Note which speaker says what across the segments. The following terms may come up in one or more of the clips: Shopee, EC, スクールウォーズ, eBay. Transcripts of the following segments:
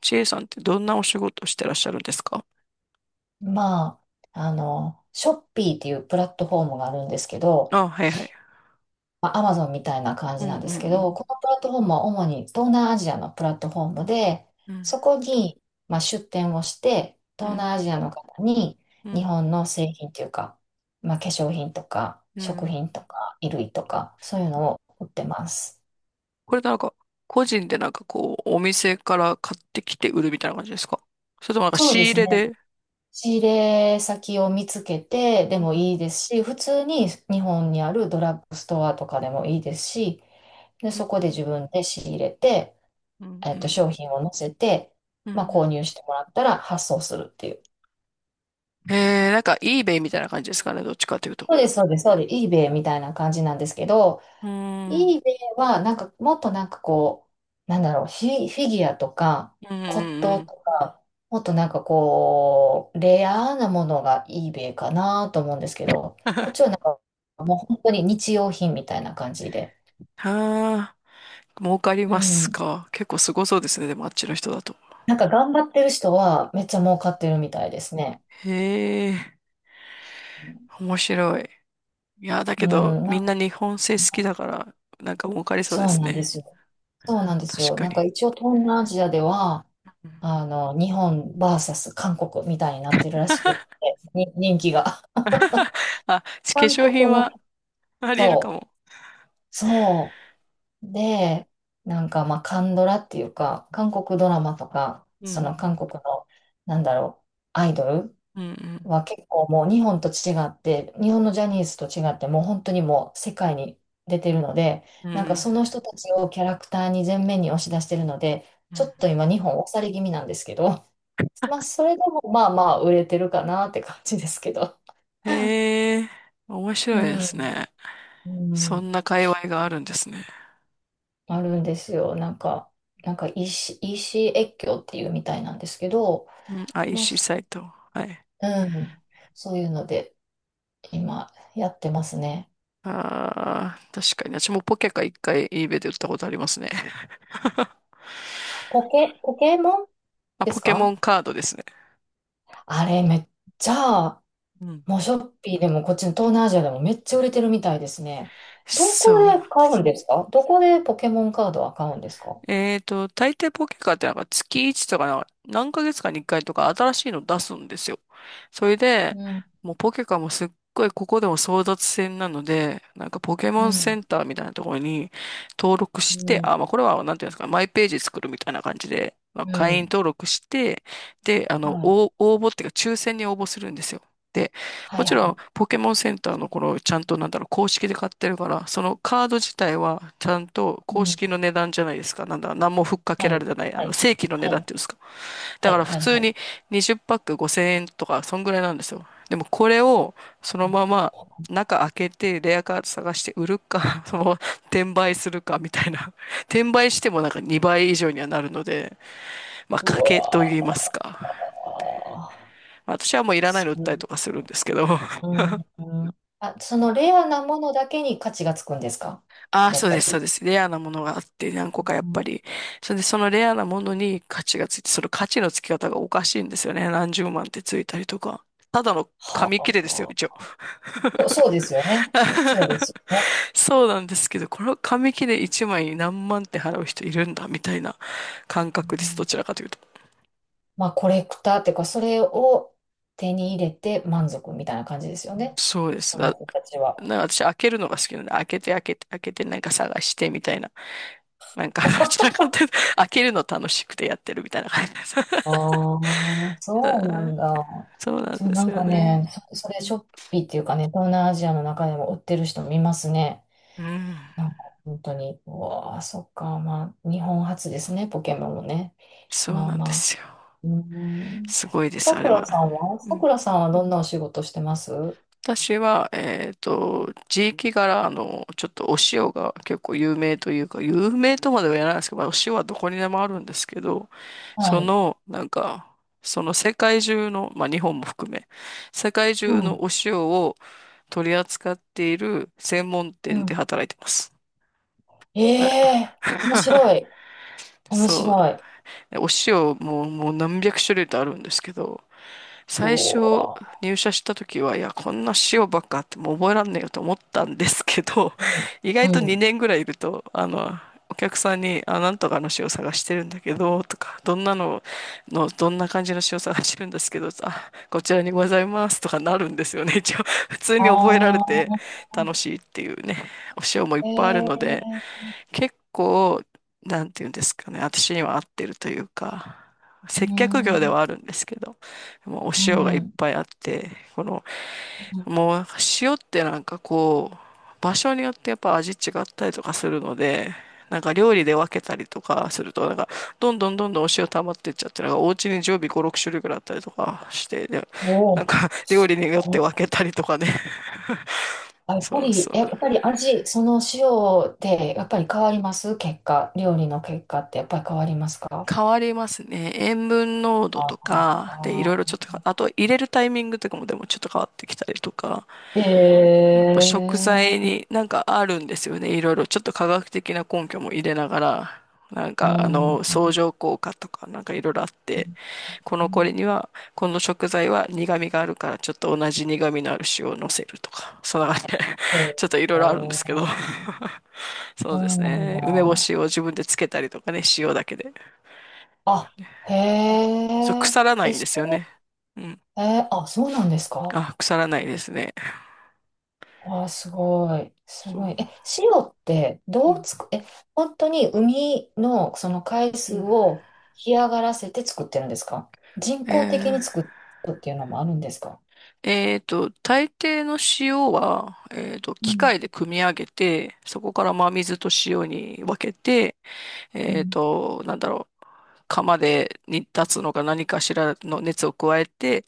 Speaker 1: ちえさんってどんなお仕事してらっしゃるんですか？
Speaker 2: まあ、ショッピーっていうプラットフォームがあるんですけど、
Speaker 1: あ、はいはい。
Speaker 2: まあ、アマゾンみたいな感
Speaker 1: う
Speaker 2: じ
Speaker 1: ん
Speaker 2: なんで
Speaker 1: うん
Speaker 2: すけ
Speaker 1: う
Speaker 2: ど、
Speaker 1: ん。
Speaker 2: このプラットフォームは主に東南アジアのプラットフォームで、
Speaker 1: うん
Speaker 2: そこに、まあ、出店をして、
Speaker 1: う
Speaker 2: 東
Speaker 1: ん
Speaker 2: 南アジアの方に
Speaker 1: う
Speaker 2: 日
Speaker 1: ん。
Speaker 2: 本の製品というか、まあ、化粧品とか、
Speaker 1: う
Speaker 2: 食
Speaker 1: ん。
Speaker 2: 品とか、衣類とか、そういうのを売ってます。
Speaker 1: これなんか、個人でなんかこう、お店から買ってきて売るみたいな感じですか？それともなんか
Speaker 2: そう
Speaker 1: 仕
Speaker 2: で
Speaker 1: 入
Speaker 2: す
Speaker 1: れ
Speaker 2: ね。
Speaker 1: で。
Speaker 2: 仕入れ先を見つけてで
Speaker 1: う
Speaker 2: も
Speaker 1: ん
Speaker 2: いいですし、普通に日本にあるドラッグストアとかでもいいですし、で、
Speaker 1: う
Speaker 2: そこ
Speaker 1: ん
Speaker 2: で自分で仕入れて、
Speaker 1: うん。うん
Speaker 2: 商品を載せて、
Speaker 1: うんう
Speaker 2: まあ、購
Speaker 1: ん。
Speaker 2: 入してもらったら発送するっていう。
Speaker 1: なんか eBay みたいな感じですかね、どっちかというと。
Speaker 2: そうです、そうです、そうです。eBay みたいな感じなんですけど、
Speaker 1: うん。うん
Speaker 2: イーベイは、なんか、もっとなんかこう、なんだろう、フィギュアとか、
Speaker 1: うん
Speaker 2: 骨
Speaker 1: う
Speaker 2: 董
Speaker 1: ん。
Speaker 2: とか、もっとなんかこう、レアなものがイーベイかなと思うんですけど、こっちはな んか、もう本当に日用品みたいな感じで。
Speaker 1: はあ、儲かり
Speaker 2: う
Speaker 1: ます
Speaker 2: ん。
Speaker 1: か。結構すごそうですね、でもあっちの人だと。
Speaker 2: なんか頑張ってる人はめっちゃ
Speaker 1: うん。
Speaker 2: 儲かってるみたいですね。
Speaker 1: へえ、面白い。いや、だけ
Speaker 2: う
Speaker 1: ど、
Speaker 2: ん、
Speaker 1: みんな日本製好きだから、なんか儲かりそうで
Speaker 2: そう
Speaker 1: す
Speaker 2: なんで
Speaker 1: ね。
Speaker 2: すよ。そうなんです
Speaker 1: 確
Speaker 2: よ。
Speaker 1: か
Speaker 2: なんか
Speaker 1: に。
Speaker 2: 一応東南アジアでは、
Speaker 1: うん。
Speaker 2: 日本サス韓国みたいになってるらしくって、に人気が。
Speaker 1: あ、化
Speaker 2: 韓
Speaker 1: 粧品
Speaker 2: 国の、
Speaker 1: はあり得るか
Speaker 2: そう、
Speaker 1: も。
Speaker 2: そう。で、なんかまあ、韓ドラっていうか、韓国ドラマとか、
Speaker 1: う
Speaker 2: その
Speaker 1: ん。
Speaker 2: 韓国の、なんだろう、アイドル
Speaker 1: うん
Speaker 2: は結構もう日本と違って、日本のジャニーズと違って、もう本当にもう世界に出てるので、
Speaker 1: うんう
Speaker 2: なんか
Speaker 1: ん。
Speaker 2: その人たちをキャラクターに前面に押し出してるので、
Speaker 1: う
Speaker 2: ちょ
Speaker 1: ん。
Speaker 2: っと今日本押され気味なんですけど、まあ、それでもまあまあ売れてるかなって感じですけど。
Speaker 1: へえー、面白い
Speaker 2: う
Speaker 1: です
Speaker 2: ん、
Speaker 1: ね。
Speaker 2: う
Speaker 1: そ
Speaker 2: ん、
Speaker 1: んな界隈があるんですね。
Speaker 2: あるんですよ。なんか、なんか EC、イーシー越境っていうみたいなんですけど、
Speaker 1: うん、
Speaker 2: まあ、
Speaker 1: IC
Speaker 2: そ
Speaker 1: サイト。はい。
Speaker 2: うん、そういうので今やってますね。
Speaker 1: ああ、確かに。私もポケカ一回 eBay で売ったことありますね。
Speaker 2: ポケモン
Speaker 1: あ、
Speaker 2: で
Speaker 1: ポ
Speaker 2: す
Speaker 1: ケモ
Speaker 2: か？
Speaker 1: ンカードですね。
Speaker 2: あれめっちゃ、
Speaker 1: うん。
Speaker 2: もうショッピーでもこっちの東南アジアでもめっちゃ売れてるみたいですね。どこ
Speaker 1: そうなん
Speaker 2: で
Speaker 1: で
Speaker 2: 買う
Speaker 1: す。
Speaker 2: んですか？どこでポケモンカードは買うんですか？
Speaker 1: 大抵ポケカってなんか月1とかなんか何ヶ月かに1回とか新しいの出すんですよ。それで、
Speaker 2: うん、
Speaker 1: もうポケカもすっごいここでも争奪戦なので、なんかポケモ
Speaker 2: う
Speaker 1: ンセ
Speaker 2: ん、
Speaker 1: ンターみたいなところに登録
Speaker 2: う
Speaker 1: して、
Speaker 2: ん、
Speaker 1: あ、まあこれはなんていうんですか、マイページ作るみたいな感じで、まあ、
Speaker 2: う
Speaker 1: 会員
Speaker 2: ん。
Speaker 1: 登録して、で、
Speaker 2: はい。
Speaker 1: 応募っていうか抽選に応募するんですよ。で、
Speaker 2: は
Speaker 1: も
Speaker 2: い、
Speaker 1: ち
Speaker 2: は
Speaker 1: ろん、
Speaker 2: い。
Speaker 1: ポケモンセンターのこの、ちゃんとなんだろう、公式で買ってるから、そのカード自体は、ちゃんと
Speaker 2: う
Speaker 1: 公
Speaker 2: ん。
Speaker 1: 式の値段じゃないですか。なんだ、何もふっかけ
Speaker 2: は
Speaker 1: ら
Speaker 2: い。
Speaker 1: れてない、
Speaker 2: はい。
Speaker 1: 正規の値
Speaker 2: は
Speaker 1: 段っ
Speaker 2: い。
Speaker 1: ていうんですか。だ
Speaker 2: は
Speaker 1: か
Speaker 2: い。
Speaker 1: ら普
Speaker 2: はい。
Speaker 1: 通
Speaker 2: は
Speaker 1: に
Speaker 2: い。
Speaker 1: 20パック5000円とか、そんぐらいなんですよ。でもこれを、
Speaker 2: う
Speaker 1: そのま
Speaker 2: ん
Speaker 1: ま、中開けて、レアカード探して売るか、そのまま、転売するか、みたいな。転売してもなんか2倍以上にはなるので、まあ、
Speaker 2: う
Speaker 1: 賭けと言いますか。
Speaker 2: わ
Speaker 1: まあ私はもうい
Speaker 2: ー、
Speaker 1: らない
Speaker 2: す
Speaker 1: の売っ
Speaker 2: ごい。
Speaker 1: たりとかするんですけど。
Speaker 2: うん。うん。あ、そのレアなものだけに価値がつくんですか？
Speaker 1: ああ、
Speaker 2: やっ
Speaker 1: そう
Speaker 2: ぱ
Speaker 1: です、そう
Speaker 2: り。
Speaker 1: です。レアなものがあって、何個かや
Speaker 2: う
Speaker 1: っぱ
Speaker 2: ん
Speaker 1: り。それで、そのレアなものに価値がついて、その価値のつき方がおかしいんですよね。何十万ってついたりとか。ただの
Speaker 2: は
Speaker 1: 紙
Speaker 2: あ。
Speaker 1: 切れですよ、一応。
Speaker 2: こそうですよね。そう ですよね。
Speaker 1: そうなんですけど、この紙切れ一枚に何万って払う人いるんだ、みたいな感
Speaker 2: う
Speaker 1: 覚です。ど
Speaker 2: ん
Speaker 1: ちらかというと。
Speaker 2: まあ、コレクターっていうか、それを手に入れて満足みたいな感じですよね。
Speaker 1: そうです。
Speaker 2: その人たちは。
Speaker 1: なんか私開けるのが好きなので、開けて開けて開けてなんか探してみたいな。なんか、どちらかというと、開けるの楽しくてやってるみたいな感じです。
Speaker 2: ああ、そうなんだ。
Speaker 1: そうなん
Speaker 2: そう、
Speaker 1: で
Speaker 2: な
Speaker 1: す
Speaker 2: ん
Speaker 1: よ
Speaker 2: か
Speaker 1: ね。
Speaker 2: ね、それショッピーっていうかね、東南アジアの中でも売ってる人見ますね。
Speaker 1: うん。
Speaker 2: なんか本当に、うわあ、そっか、まあ、日本初ですね、ポケモンもね。
Speaker 1: そう
Speaker 2: まあ
Speaker 1: なんで
Speaker 2: まあ。
Speaker 1: すよ。
Speaker 2: うーん。
Speaker 1: すごいです、
Speaker 2: さ
Speaker 1: あ
Speaker 2: く
Speaker 1: れ
Speaker 2: ら
Speaker 1: は。
Speaker 2: さんは
Speaker 1: う
Speaker 2: さく
Speaker 1: ん。
Speaker 2: らさんはどんなお仕事してます？
Speaker 1: 私は、地域柄、ちょっとお塩が結構有名というか、有名とまでは言わないですけど、まあ、お塩はどこにでもあるんですけど、
Speaker 2: は
Speaker 1: そ
Speaker 2: い。
Speaker 1: の、なんか、その世界中の、まあ日本も含め、世界
Speaker 2: う
Speaker 1: 中
Speaker 2: ん。
Speaker 1: のお塩を取り扱っている専門
Speaker 2: う
Speaker 1: 店で
Speaker 2: ん。
Speaker 1: 働いてます。
Speaker 2: え
Speaker 1: はい。
Speaker 2: え面白い。面
Speaker 1: そう。
Speaker 2: 白い。
Speaker 1: ね。お塩ももう何百種類とあるんですけど、
Speaker 2: う
Speaker 1: 最初
Speaker 2: お
Speaker 1: 入社した時は、いや、こんな塩ばっかあってもう覚えらんねえよと思ったんですけど、
Speaker 2: ー。
Speaker 1: 意
Speaker 2: う
Speaker 1: 外と
Speaker 2: ん。うん。
Speaker 1: 2年ぐらいいると、お客さんに、あ、なんとかの塩探してるんだけど、とか、どんなの、どんな感じの塩探してるんですけど、あ、こちらにございます、とかなるんですよね。一応、普通
Speaker 2: あ
Speaker 1: に覚えられて
Speaker 2: あ。
Speaker 1: 楽しいっていうね、お塩もいっ
Speaker 2: え
Speaker 1: ぱいある
Speaker 2: え
Speaker 1: ので、
Speaker 2: ー。
Speaker 1: 結構、なんていうんですかね、私には合ってるというか、
Speaker 2: うー
Speaker 1: 接客業ではあ
Speaker 2: ん。
Speaker 1: るんですけど、もうお
Speaker 2: う
Speaker 1: 塩がいっ
Speaker 2: ん。
Speaker 1: ぱいあって、この、もう塩ってなんかこう、場所によってやっぱ味違ったりとかするので、なんか料理で分けたりとかすると、なんかどんどんどんどんお塩溜まってっちゃって、なんかお家に常備5、6種類ぐらいあったりとかして、で
Speaker 2: お
Speaker 1: なん
Speaker 2: お、
Speaker 1: か料
Speaker 2: そ
Speaker 1: 理によって分
Speaker 2: う。
Speaker 1: けたりとかね。
Speaker 2: あ やっ
Speaker 1: そ
Speaker 2: ぱ
Speaker 1: う
Speaker 2: り、
Speaker 1: そ
Speaker 2: え
Speaker 1: う。
Speaker 2: やっぱり味、その塩で、やっぱり変わります結果、料理の結果ってやっぱり変わりますか？
Speaker 1: 変わりますね。塩分濃度
Speaker 2: あ
Speaker 1: とか、で、いろいろ
Speaker 2: あ、
Speaker 1: ちょっとか、あと入れるタイミングとかもでもちょっと変わってきたりとか、
Speaker 2: え
Speaker 1: やっぱ食材
Speaker 2: え
Speaker 1: になんかあるんですよね。いろいろちょっと科学的な根拠も入れながら、
Speaker 2: うん。
Speaker 1: 相乗効果とかなんかいろいろあって、このこれには、この食材は苦味があるからちょっと同じ苦味のある塩を乗せるとか、そんな感じで、
Speaker 2: え え
Speaker 1: ちょっといろいろあるんですけど、
Speaker 2: そ
Speaker 1: そ
Speaker 2: う
Speaker 1: うです
Speaker 2: なん
Speaker 1: ね。梅干
Speaker 2: だ。
Speaker 1: しを自分でつけたりとかね、塩だけで。
Speaker 2: あ、へ
Speaker 1: そう、
Speaker 2: え、
Speaker 1: 腐らない
Speaker 2: え、
Speaker 1: んで
Speaker 2: そ
Speaker 1: すよね。うん。
Speaker 2: えーあ、そうなんですか？
Speaker 1: あ、腐らないですね。
Speaker 2: わあ、すごい。す
Speaker 1: そ
Speaker 2: ごい。
Speaker 1: う。
Speaker 2: え、塩って
Speaker 1: う
Speaker 2: どう
Speaker 1: ん。
Speaker 2: つく、え、本当に海のその海
Speaker 1: う
Speaker 2: 水
Speaker 1: ん。
Speaker 2: を干上がらせて作ってるんですか？人工的に
Speaker 1: え
Speaker 2: 作るっていうのもあるんですか？
Speaker 1: 大抵の塩は、
Speaker 2: う
Speaker 1: 機
Speaker 2: ん、
Speaker 1: 械で組み上げて、そこから真水と塩に分けて、
Speaker 2: うん。
Speaker 1: なんだろう、釜で煮立つのか何かしらの熱を加えて、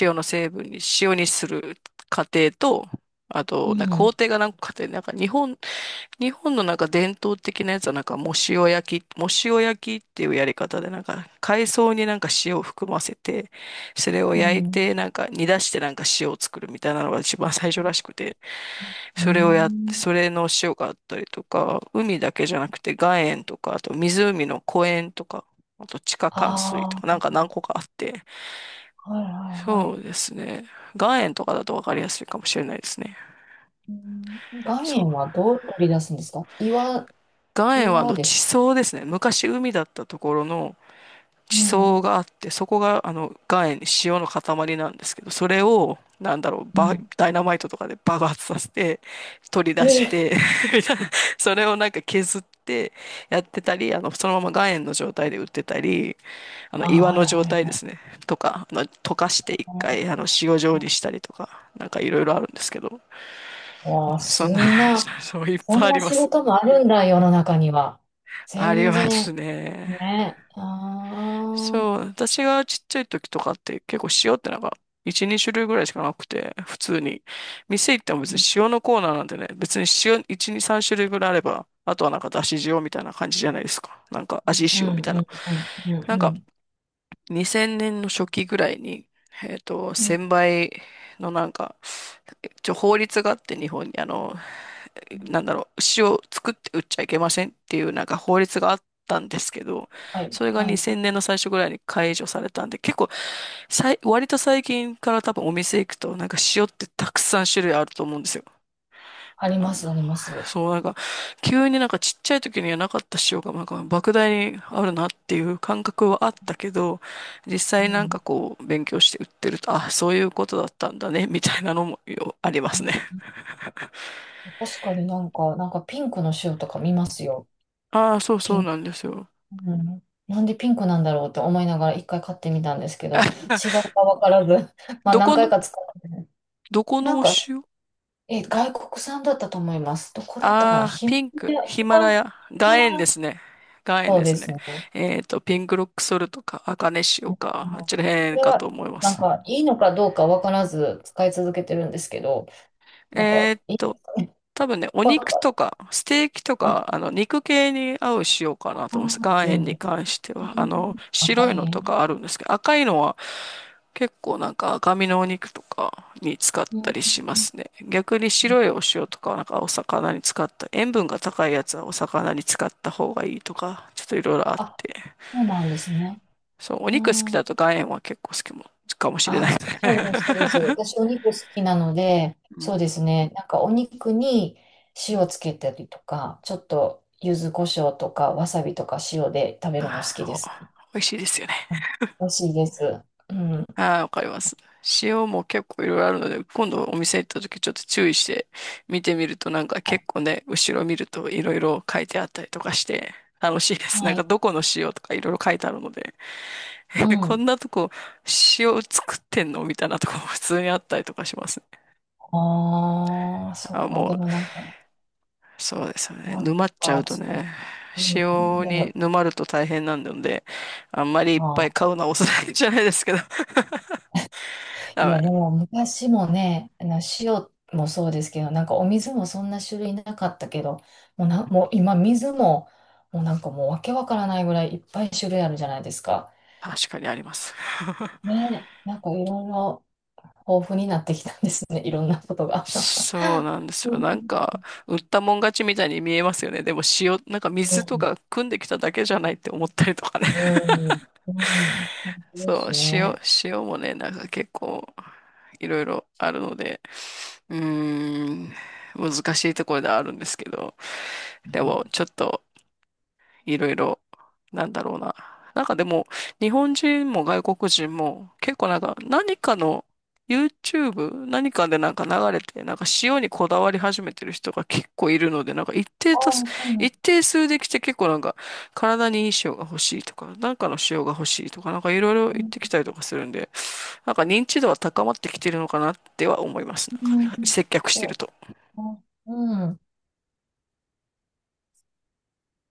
Speaker 1: 塩の成分に、塩にする過程と、あ
Speaker 2: う
Speaker 1: と、なんか工
Speaker 2: ん。
Speaker 1: 程が何個かあって、日本のなんか伝統的なやつはなんかもう塩焼き、もう塩焼きっていうやり方でなんか海藻になんか塩を含ませて、それを
Speaker 2: う
Speaker 1: 焼い
Speaker 2: ん。
Speaker 1: てなんか煮出してなんか塩を作るみたいなのが一番最初らしくて、
Speaker 2: う
Speaker 1: それをやって、
Speaker 2: ん。
Speaker 1: それの塩があったりとか、海だけじゃなくて岩塩とか、あと湖の湖塩とか、あと地下灌水と
Speaker 2: あ
Speaker 1: かなん
Speaker 2: あ
Speaker 1: か何個かあって、
Speaker 2: ー、はいはいは
Speaker 1: そ
Speaker 2: い。
Speaker 1: うですね。岩塩とかだとわかりやすいかもしれないですね。
Speaker 2: うん、岩
Speaker 1: そう。
Speaker 2: 塩はどう取り出すんですか？岩、
Speaker 1: 岩塩はあ
Speaker 2: 岩
Speaker 1: の
Speaker 2: です。
Speaker 1: 地層ですね。昔海だったところの
Speaker 2: う
Speaker 1: 地
Speaker 2: ん。
Speaker 1: 層があって、そこがあの岩塩、塩の塊なんですけど、それを、なんだろう、
Speaker 2: うん。
Speaker 1: ダイナマイトとかで爆発させて、取り
Speaker 2: え
Speaker 1: 出し
Speaker 2: え。
Speaker 1: て みたいな。 それをなんか削ってやってたり、そのまま岩塩の状態で売ってたり、
Speaker 2: ああ、
Speaker 1: 岩
Speaker 2: は
Speaker 1: の
Speaker 2: い
Speaker 1: 状
Speaker 2: はい
Speaker 1: 態
Speaker 2: は
Speaker 1: で
Speaker 2: い。
Speaker 1: すね、とか、溶かして一回、塩状にしたりとか、なんかいろいろあるんですけど、
Speaker 2: わあ、
Speaker 1: そん
Speaker 2: そ
Speaker 1: な、
Speaker 2: んな
Speaker 1: そういっ
Speaker 2: こ
Speaker 1: ぱい
Speaker 2: ん
Speaker 1: あ
Speaker 2: な
Speaker 1: りま
Speaker 2: 仕
Speaker 1: す。
Speaker 2: 事もあるんだ、世の中には。
Speaker 1: あり
Speaker 2: 全
Speaker 1: ます
Speaker 2: 然、
Speaker 1: ね。
Speaker 2: ね。ああ、
Speaker 1: そう、私がちっちゃい時とかって結構塩ってなんか1、2種類ぐらいしかなくて、普通に。店行っても別
Speaker 2: う
Speaker 1: に
Speaker 2: ん、
Speaker 1: 塩のコーナーなんでね、別に塩1、2、3種類ぐらいあれば、あとはなんかだし塩みたいな感じじゃないですか。なんか味
Speaker 2: うん、う
Speaker 1: 塩みたい
Speaker 2: ん、う
Speaker 1: な。
Speaker 2: ん、う
Speaker 1: なん
Speaker 2: んう
Speaker 1: か
Speaker 2: ん。
Speaker 1: 2000年の初期ぐらいに、1000
Speaker 2: う
Speaker 1: 倍のなんか、一応法律があって日本になんだ
Speaker 2: ん
Speaker 1: ろう、牛を作って売っちゃいけませんっていうなんか法律があったんですけど、
Speaker 2: はい、
Speaker 1: それが
Speaker 2: はい。
Speaker 1: 2000年の最初ぐらいに解除されたんで、結構割と最近から多分お店行くとなんか塩ってたくさん種類あると思うんですよ。
Speaker 2: あり
Speaker 1: あ
Speaker 2: ま
Speaker 1: の
Speaker 2: す、あります。
Speaker 1: そう、なんか、急になんかちっちゃい時にはなかった塩が、なんか、莫大にあるなっていう感覚はあったけど、実
Speaker 2: う
Speaker 1: 際なん
Speaker 2: ん。
Speaker 1: かこう、勉強して売ってると、あ、そういうことだったんだね、みたいなのもよありま
Speaker 2: う
Speaker 1: す
Speaker 2: ん
Speaker 1: ね。
Speaker 2: うん 確かになんか、なんかピンクの塩とか見ますよ。
Speaker 1: ああ、そう
Speaker 2: ピ
Speaker 1: そう
Speaker 2: ン、
Speaker 1: なんですよ。
Speaker 2: うん。なんでピンクなんだろうって思いながら一回買ってみたんですけど、違う かわからず、まあ
Speaker 1: ど
Speaker 2: 何
Speaker 1: こ
Speaker 2: 回
Speaker 1: の、
Speaker 2: か使ってね、
Speaker 1: どこ
Speaker 2: な
Speaker 1: の
Speaker 2: ん
Speaker 1: お
Speaker 2: か、
Speaker 1: 塩？
Speaker 2: え、外国産だったと思います。どこだったかな
Speaker 1: ああー、
Speaker 2: ヒマ
Speaker 1: ピン
Speaker 2: ラ
Speaker 1: ク、
Speaker 2: ヤ
Speaker 1: ヒマラ
Speaker 2: マ
Speaker 1: ヤ、岩塩ですね。岩塩
Speaker 2: そう
Speaker 1: で
Speaker 2: で
Speaker 1: すね。
Speaker 2: すね。
Speaker 1: ピンクロックソルトか、アカネ塩
Speaker 2: うん
Speaker 1: か、あっちらへ
Speaker 2: こ
Speaker 1: ん
Speaker 2: れ
Speaker 1: かと
Speaker 2: は、
Speaker 1: 思いま
Speaker 2: なん
Speaker 1: す。
Speaker 2: か、いいのかどうかわからず使い続けてるんですけど、なん
Speaker 1: え
Speaker 2: か、
Speaker 1: っ
Speaker 2: いいで
Speaker 1: と、
Speaker 2: すかね。
Speaker 1: 多分ね、お肉とか、ステーキと
Speaker 2: あ、
Speaker 1: か、肉系に合う塩かなと思います。岩
Speaker 2: いい
Speaker 1: 塩
Speaker 2: ん
Speaker 1: に
Speaker 2: で
Speaker 1: 関
Speaker 2: す。
Speaker 1: しては。白
Speaker 2: 赤
Speaker 1: い
Speaker 2: い
Speaker 1: のと
Speaker 2: 円。
Speaker 1: かあるんですけど、赤いのは結構なんか赤身のお肉とかに使っ
Speaker 2: う
Speaker 1: た
Speaker 2: ん
Speaker 1: りしますね。逆に
Speaker 2: うん
Speaker 1: 白いお塩とかはなんかお魚に使った、塩分が高いやつはお魚に使った方がいいとか、ちょっといろいろあっ
Speaker 2: あ、
Speaker 1: て。
Speaker 2: そうなんですね。
Speaker 1: そう、お
Speaker 2: う
Speaker 1: 肉好き
Speaker 2: ん。
Speaker 1: だと岩塩は結構好きも、かもしれな
Speaker 2: あ、
Speaker 1: い。
Speaker 2: そそうです、そ うです。私、お肉好きなので、
Speaker 1: う
Speaker 2: そう
Speaker 1: ん、
Speaker 2: ですね。なんか、お肉に塩つけたりとか、ちょっと、柚子胡椒とか、わさびとか塩で食べるの好きで
Speaker 1: お
Speaker 2: す。
Speaker 1: 美味しいですよ。
Speaker 2: うん美味しいです。うん。
Speaker 1: ああ、わかります。塩も結構いろいろあるので、今度お店行った時ちょっと注意して見てみるとなんか
Speaker 2: はい。
Speaker 1: 結構ね、後ろ見るといろいろ書いてあったりとかして楽しいです。な
Speaker 2: は
Speaker 1: んか
Speaker 2: い
Speaker 1: どこの塩とかいろいろ書いてあるので、
Speaker 2: う
Speaker 1: え、こ
Speaker 2: ん。
Speaker 1: んなとこ塩作ってんのみたいなとこも 普通にあったりとかしますね。
Speaker 2: ああ、そっ
Speaker 1: あ、
Speaker 2: か。
Speaker 1: も
Speaker 2: で
Speaker 1: う、
Speaker 2: もなんか、
Speaker 1: そうですよね。
Speaker 2: なん
Speaker 1: 沼っちゃ
Speaker 2: か、
Speaker 1: うと
Speaker 2: つ
Speaker 1: ね、
Speaker 2: うん。
Speaker 1: 塩
Speaker 2: で
Speaker 1: に
Speaker 2: も、
Speaker 1: 沼ると大変なんで、あんまりいっぱ
Speaker 2: あ
Speaker 1: い買う
Speaker 2: あ。
Speaker 1: のはおすすめじゃないですけど、
Speaker 2: いや、で
Speaker 1: あ、
Speaker 2: も昔もね、あの塩もそうですけど、なんかお水もそんな種類なかったけど、もうもう今水も、もうなんかもうわけわからないぐらいいっぱい種類あるじゃないですか。
Speaker 1: 確かにあります。
Speaker 2: ね、なんかいろいろ豊富になってきたんですね。いろんなことが。
Speaker 1: そうなんですよ。
Speaker 2: うん。
Speaker 1: なんか、売ったもん勝ちみたいに見えますよね。でも塩、なんか
Speaker 2: う
Speaker 1: 水と
Speaker 2: ん。
Speaker 1: か汲んできただけじゃないって思ったりとかね。
Speaker 2: う ん。うんそうで
Speaker 1: そう、
Speaker 2: す
Speaker 1: 塩、
Speaker 2: ね。
Speaker 1: 塩もね、なんか結構、いろいろあるので、うーん、難しいところではあるんですけど、
Speaker 2: う
Speaker 1: で
Speaker 2: ん
Speaker 1: も、ちょっと、いろいろ、なんだろうな。なんかでも、日本人も外国人も、結構なんか、何かの YouTube、何かでなんか流れて、なんか塩にこだわり始めてる人が結構いるので、
Speaker 2: ああ、そうなん
Speaker 1: 一
Speaker 2: だ。
Speaker 1: 定数できて結構なんか、体にいい塩が欲しいとか、なんかの塩が欲しいとか、なんかいろいろ言ってきたりとかするんで、なんか認知度は高まってきてるのかなっては思います。な
Speaker 2: うん。
Speaker 1: んか接客してる
Speaker 2: そ
Speaker 1: と。
Speaker 2: う。うん。